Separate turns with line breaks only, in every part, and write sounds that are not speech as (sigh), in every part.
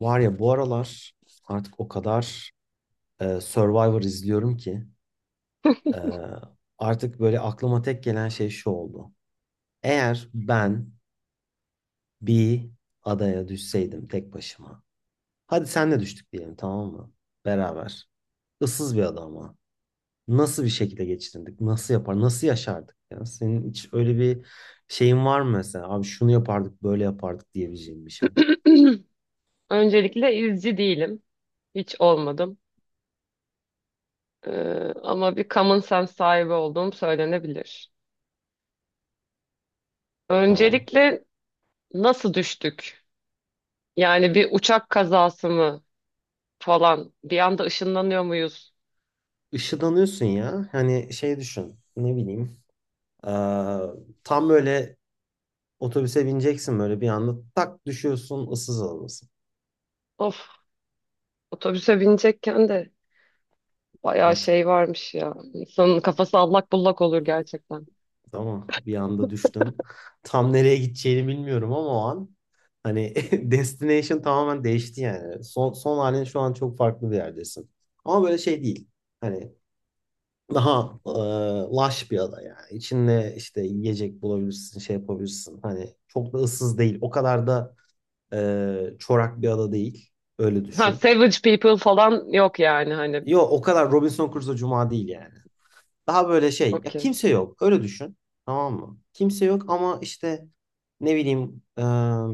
Var ya bu aralar artık o kadar Survivor izliyorum ki e, artık böyle aklıma tek gelen şey şu oldu. Eğer ben bir adaya düşseydim tek başıma. Hadi senle düştük diyelim, tamam mı? Beraber. Issız bir ada ama. Nasıl bir şekilde geçinirdik? Nasıl yapar? Nasıl yaşardık ya? Senin hiç öyle bir şeyin var mı mesela? Abi şunu yapardık, böyle yapardık diyebileceğin bir şey.
(clears throat) Öncelikle izci değilim. Hiç olmadım. Ama bir common sense sahibi olduğum söylenebilir.
Tamam.
Öncelikle nasıl düştük? Yani bir uçak kazası mı falan? Bir anda ışınlanıyor muyuz?
Işıdanıyorsun ya. Hani şey düşün. Ne bileyim. Ee, Tam böyle otobüse bineceksin, böyle bir anda tak düşüyorsun, ıssız adadasın.
Of, otobüse binecekken de bayağı
Artık
şey varmış ya. İnsanın kafası allak bullak olur gerçekten.
ama bir anda düştün. (laughs) Tam nereye gideceğini bilmiyorum ama o an hani (laughs) destination tamamen değişti yani. Son, son halin, şu an çok farklı bir yerdesin. Ama böyle şey değil. Hani daha laş bir ada yani. İçinde işte yiyecek bulabilirsin, şey yapabilirsin. Hani çok da ıssız değil. O kadar da çorak bir ada değil. Öyle
Ha,
düşün.
Savage People falan yok yani hani.
Yo, o kadar Robinson Crusoe Cuma değil yani. Daha böyle şey. Ya
Okey.
kimse yok. Öyle düşün. Tamam mı? Kimse yok ama işte ne bileyim,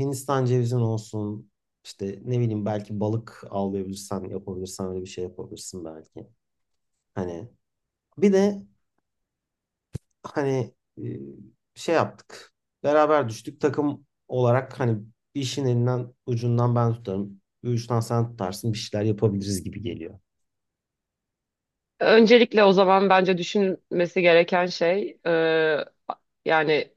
Hindistan cevizin olsun. İşte ne bileyim, belki balık avlayabilirsen, yapabilirsen öyle bir şey yapabilirsin belki. Hani bir de hani şey yaptık. Beraber düştük. Takım olarak hani bir işin elinden ucundan ben tutarım. Bir uçtan sen tutarsın. Bir şeyler yapabiliriz gibi geliyor.
Öncelikle o zaman bence düşünmesi gereken şey yani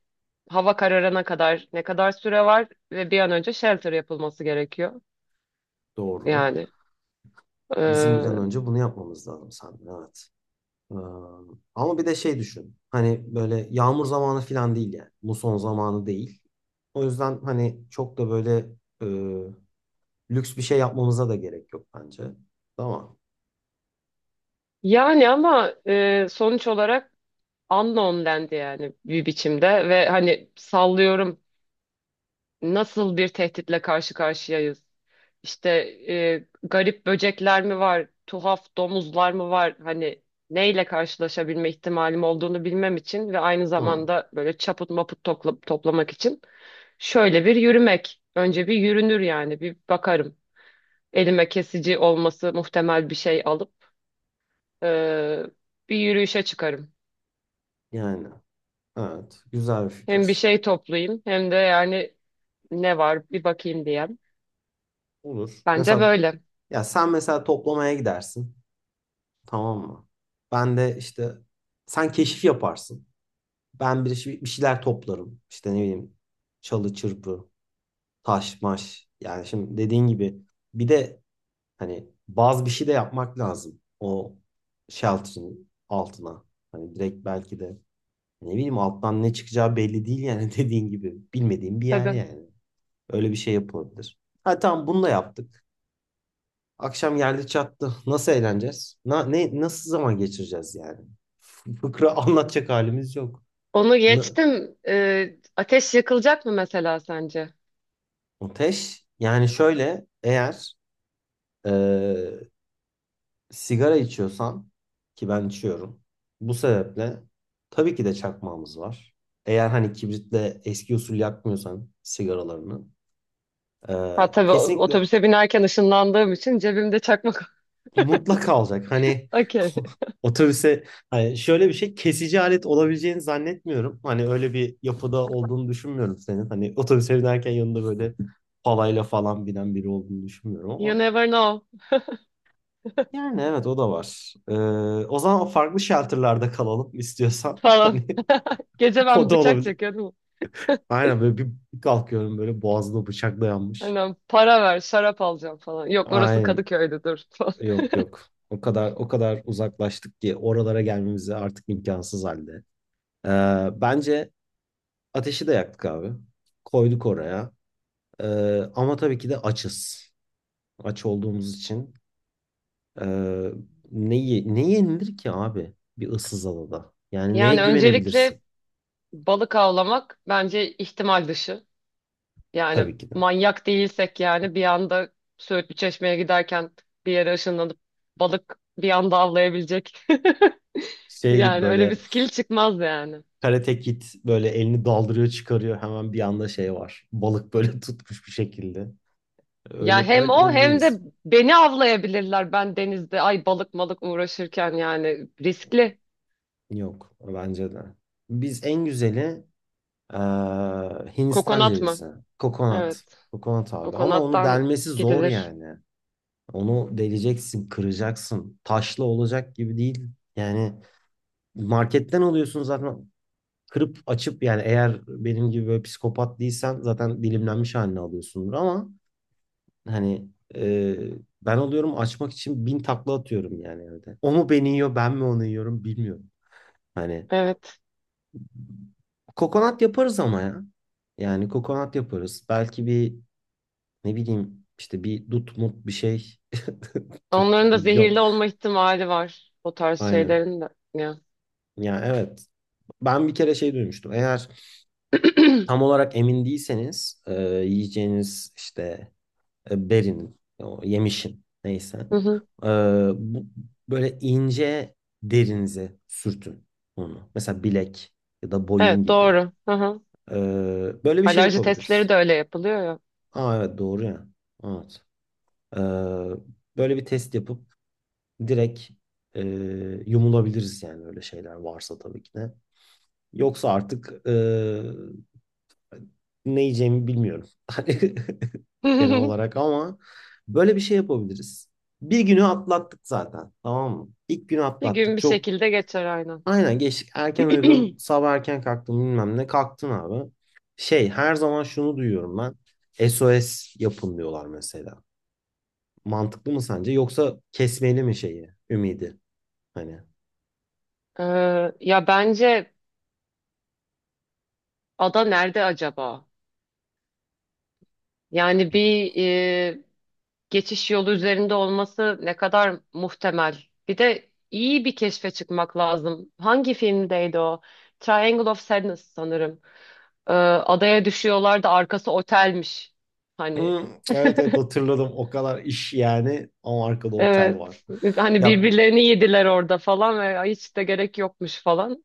hava kararına kadar ne kadar süre var ve bir an önce shelter yapılması gerekiyor.
Doğru.
Yani
Bizim bir an
e,
önce bunu yapmamız lazım sanırım. Evet. Ee, Ama bir de şey düşün. Hani böyle yağmur zamanı falan değil yani. Muson zamanı değil. O yüzden hani çok da böyle e, lüks bir şey yapmamıza da gerek yok bence. Tamam.
yani ama sonuç olarak unknown dendi yani bir biçimde ve hani sallıyorum nasıl bir tehditle karşı karşıyayız? İşte garip böcekler mi var, tuhaf domuzlar mı var? Hani neyle karşılaşabilme ihtimalim olduğunu bilmem için ve aynı
Hı.
zamanda böyle çaput maput toplamak için şöyle bir yürümek. Önce bir yürünür yani bir bakarım. Elime kesici olması muhtemel bir şey alıp e, bir yürüyüşe çıkarım.
Yani evet, güzel bir
Hem bir
fikir.
şey toplayayım hem de yani ne var bir bakayım diyem.
Olur.
Bence
Mesela
böyle.
ya sen mesela toplamaya gidersin. Tamam mı? Ben de işte sen keşif yaparsın. Ben bir şeyler toplarım. İşte ne bileyim, çalı çırpı, taş maş. Yani şimdi dediğin gibi bir de hani bazı bir şey de yapmak lazım o shelter'ın altına. Hani direkt belki de ne bileyim, alttan ne çıkacağı belli değil yani (laughs) dediğin gibi. Bilmediğim bir yer
Tabii.
yani. Öyle bir şey yapılabilir. Ha tamam, bunu da yaptık. Akşam geldi çattı. Nasıl eğleneceğiz? Nasıl zaman geçireceğiz yani? Fıkra (laughs) anlatacak halimiz yok.
Onu
N-
geçtim. Ateş yakılacak mı mesela sence?
Ateş yani şöyle, eğer eee, sigara içiyorsan, ki ben içiyorum. Bu sebeple tabii ki de çakmağımız var. Eğer hani kibritle eski usul yakmıyorsan sigaralarını, e,
Ha tabii
kesinlikle,
otobüse binerken ışınlandığım için cebimde çakmak. (laughs)
mutlaka alacak. Hani
Okay.
(laughs) otobüse hani şöyle bir şey kesici alet olabileceğini zannetmiyorum. Hani öyle bir yapıda olduğunu düşünmüyorum senin. Hani otobüse binerken yanında böyle palayla falan binen biri olduğunu düşünmüyorum
You
ama
never know
yani evet, o da var. E, o zaman farklı shelter'larda kalalım istiyorsan. (laughs)
falan.
Hani
Gece
o
ben
da
bıçak
olabilir.
çekiyordum.
Aynen, böyle bir bir kalkıyorum, böyle boğazına bıçak dayanmış.
Aynen para ver şarap alacağım falan. Yok orası
Aynen.
Kadıköy'dü dur falan. (laughs)
Yok yok. O kadar uzaklaştık ki oralara gelmemize artık imkansız halde. Bence ateşi de yaktık abi. Koyduk oraya. Ama tabii ki de açız. Aç olduğumuz için. Ee, Ne yenilir ki abi bir ıssız adada? Yani neye
Yani
güvenebilirsin?
öncelikle balık avlamak bence ihtimal dışı. Yani
Tabii ki de.
manyak değilsek yani bir anda Söğütlü Çeşme'ye giderken bir yere ışınlanıp balık bir anda avlayabilecek. (laughs)
Şey gibi
Yani öyle bir
böyle
skill çıkmaz yani.
Karate Kid böyle elini daldırıyor çıkarıyor, hemen bir anda şey var. Balık böyle (laughs) tutmuş bir şekilde.
Ya
Öyle
hem
öyle
o hem
değiliz.
de beni avlayabilirler ben denizde. Ay balık malık uğraşırken yani riskli.
Yok, bence de. Biz en güzeli eee, Hindistan
Kokonat mı?
cevizi. Kokonat.
Evet.
Kokonat abi. Ama onu
Kokonattan
delmesi zor
gidilir.
yani. Onu deleceksin, kıracaksın. Taşlı olacak gibi değil. Yani marketten alıyorsun zaten, kırıp açıp, yani eğer benim gibi böyle psikopat değilsen zaten dilimlenmiş halini alıyorsundur ama hani e, ben oluyorum açmak için bin takla atıyorum yani evde. O mu beni yiyor, ben mi onu yiyorum bilmiyorum. Hani
Evet.
kokonat yaparız ama ya. Yani kokonat yaparız. Belki bir ne bileyim işte bir dut mut bir şey. (laughs) Tut
Onların da
vizyon.
zehirli olma ihtimali var. O tarz
Aynen.
şeylerin de. Ya.
Ya evet. Ben bir kere şey duymuştum. Eğer tam
(clears throat)
olarak emin değilseniz yiyeceğiniz işte berinin, o yemişin neyse.
Hı hı.
Ee, Bu, böyle ince derinize sürtün onu. Mesela bilek ya da boyun
Evet
gibi.
doğru. Hı hı.
Ee, Böyle bir şey
Alerji
yapabiliriz.
testleri de öyle yapılıyor ya.
Aa evet, doğru ya. Evet. Ee, Böyle bir test yapıp direkt e, yumulabiliriz yani öyle şeyler varsa tabii ki de. Yoksa artık ne yiyeceğimi bilmiyorum. (laughs) Genel
(laughs)
olarak ama böyle bir şey yapabiliriz. Bir günü atlattık zaten. Tamam mı? İlk günü
Bir gün
atlattık.
bir
Çok
şekilde geçer aynen.
aynen geçtik. Erken uyudun,
(clears throat)
sabah erken kalktın bilmem ne. Kalktın abi. Şey, her zaman şunu duyuyorum ben. SOS yapın diyorlar mesela. Mantıklı mı sence? Yoksa kesmeli mi şeyi, ümidi? Hani
Ya bence ada nerede acaba? Yani
bir-
bir geçiş yolu üzerinde olması ne kadar muhtemel. Bir de iyi bir keşfe çıkmak lazım. Hangi filmdeydi o? Triangle of Sadness sanırım. Adaya düşüyorlar da arkası otelmiş. Hani
hı, evet evet, hatırladım. O kadar iş yani ama arkada otel var.
evet. Hani
Ya
birbirlerini yediler orada falan ve "Ay, hiç de gerek yokmuş falan.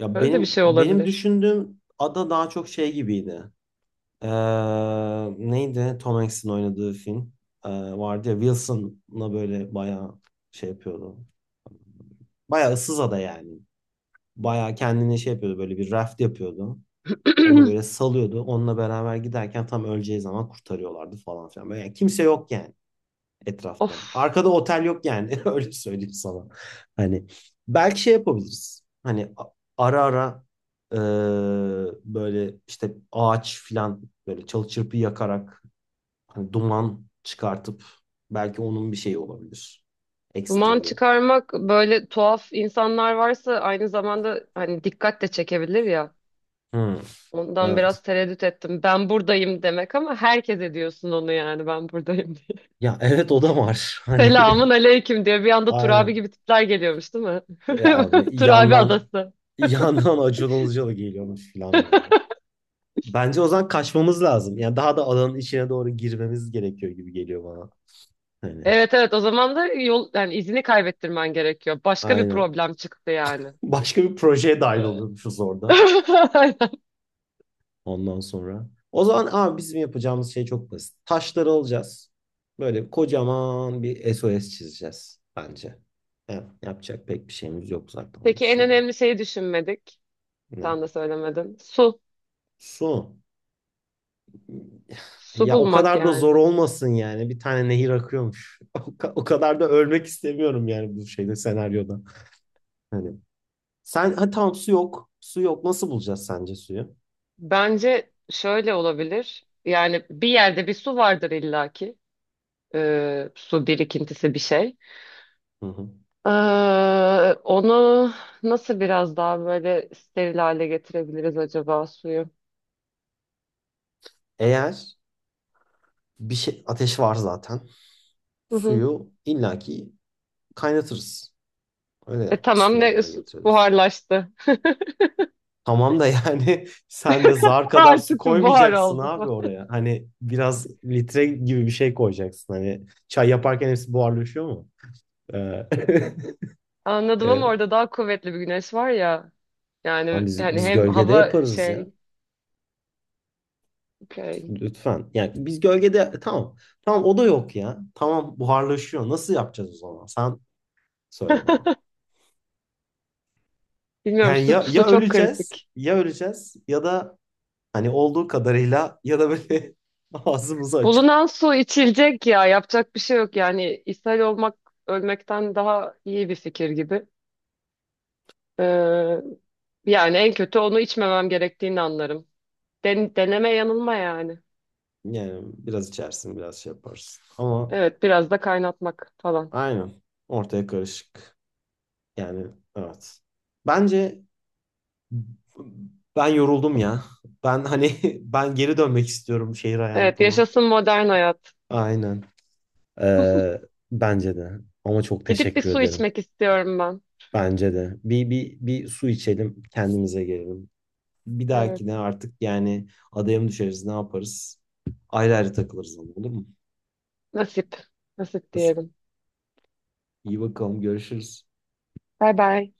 ya
Öyle de bir
benim
şey
benim
olabilir.
düşündüğüm ada daha çok şey gibiydi. Ee, Neydi Tom Hanks'in oynadığı film, vardı ya, Wilson'la böyle bayağı şey yapıyordu. Bayağı ıssız ada yani. Bayağı kendine şey yapıyordu, böyle bir raft yapıyordu. Onu böyle
(clears throat)
salıyordu. Onunla beraber giderken tam öleceği zaman kurtarıyorlardı falan filan. Böyle yani kimse yok yani etrafta.
Of,
Arkada otel yok yani (laughs) öyle söyleyeyim sana. Hani belki şey yapabiliriz. Ara ara e, böyle işte ağaç filan, böyle çalı çırpı yakarak hani duman çıkartıp, belki onun bir şeyi olabilir.
duman
Ekstra bir.
çıkarmak böyle tuhaf insanlar varsa aynı zamanda hani dikkat de çekebilir ya.
Hmm,
Ondan
evet.
biraz tereddüt ettim. Ben buradayım demek ama herkes ediyorsun onu yani ben buradayım diye. (laughs)
Ya evet, o da var. (laughs) Hani
Selamun aleyküm diye bir anda Turabi
aynen.
gibi tipler geliyormuş değil mi?
Ya abi
(laughs) Turabi
yandan
adası.
yandan Acun Ilıcalı geliyormuş falan böyle. Bence o zaman kaçmamız lazım. Yani daha da alanın içine doğru girmemiz gerekiyor gibi geliyor bana. Hani
Evet evet o zaman da yol yani izini kaybettirmen gerekiyor. Başka bir
aynen.
problem çıktı yani.
Başka bir projeye dahil
(laughs)
oluyormuşuz orada. Ondan sonra. O zaman abi bizim yapacağımız şey çok basit. Taşları alacağız. Böyle kocaman bir SOS çizeceğiz bence. Evet, yapacak pek bir şeyimiz yok zaten onun
Peki en
dışında.
önemli şeyi düşünmedik.
Ne?
Sen de söylemedin. Su.
Su.
Su
Ya o
bulmak
kadar da zor
yani.
olmasın yani. Bir tane nehir akıyormuş. (laughs) O kadar da ölmek istemiyorum yani bu şeyde, senaryoda. Hani sen ha tamam, su yok. Su yok. Nasıl bulacağız sence suyu?
Bence şöyle olabilir. Yani bir yerde bir su vardır illaki. Su birikintisi bir şey.
Hı hı.
Ee, onu nasıl biraz daha böyle steril hale getirebiliriz acaba suyu?
Eğer bir şey ateş var zaten.
Hı hı.
Suyu illaki kaynatırız.
E
Öyle
tamam
steril
ne
hale getiririz.
buharlaştı.
Tamam da yani (laughs) sen de zar
(laughs)
kadar su
Artık buhar
koymayacaksın
oldu.
abi oraya. Hani biraz litre gibi bir şey koyacaksın. Hani çay yaparken hepsi buharlaşıyor mu? Ee, (laughs)
Anladım ama
e,
orada daha kuvvetli bir güneş var ya. Yani
lan biz
hani
biz
hem
gölgede
hava
yaparız ya.
şey Okay.
Lütfen. Yani biz gölgede, tamam. Tamam, o da yok ya. Tamam, buharlaşıyor. Nasıl yapacağız o zaman? Sen söyle bana.
(laughs) Bilmiyorum
Yani ya
su çok
öleceğiz,
kritik.
ya öleceğiz ya da hani olduğu kadarıyla, ya da böyle (laughs) ağzımızı açıp.
Bulunan su içilecek ya yapacak bir şey yok yani İshal olmak ölmekten daha iyi bir fikir gibi. Ee, yani en kötü onu içmemem gerektiğini anlarım. Deneme yanılma yani.
Yani biraz içersin, biraz şey yaparsın. Ama
Evet biraz da kaynatmak falan.
aynen, ortaya karışık. Yani evet. Bence ben yoruldum ya. Ben hani (laughs) ben geri dönmek istiyorum şehir
Evet
hayatıma.
yaşasın modern hayat.
Aynen. Ee, Bence de. Ama çok
Gidip bir
teşekkür
su
ederim.
içmek istiyorum ben.
Bence de. Bir su içelim, kendimize gelelim. Bir
Evet
dahakine artık yani adaya mı düşeriz, ne yaparız? Ayrı ayrı takılırız ama olur mu?
nasip nasip diyelim.
İyi bakalım, görüşürüz.
Bay bay.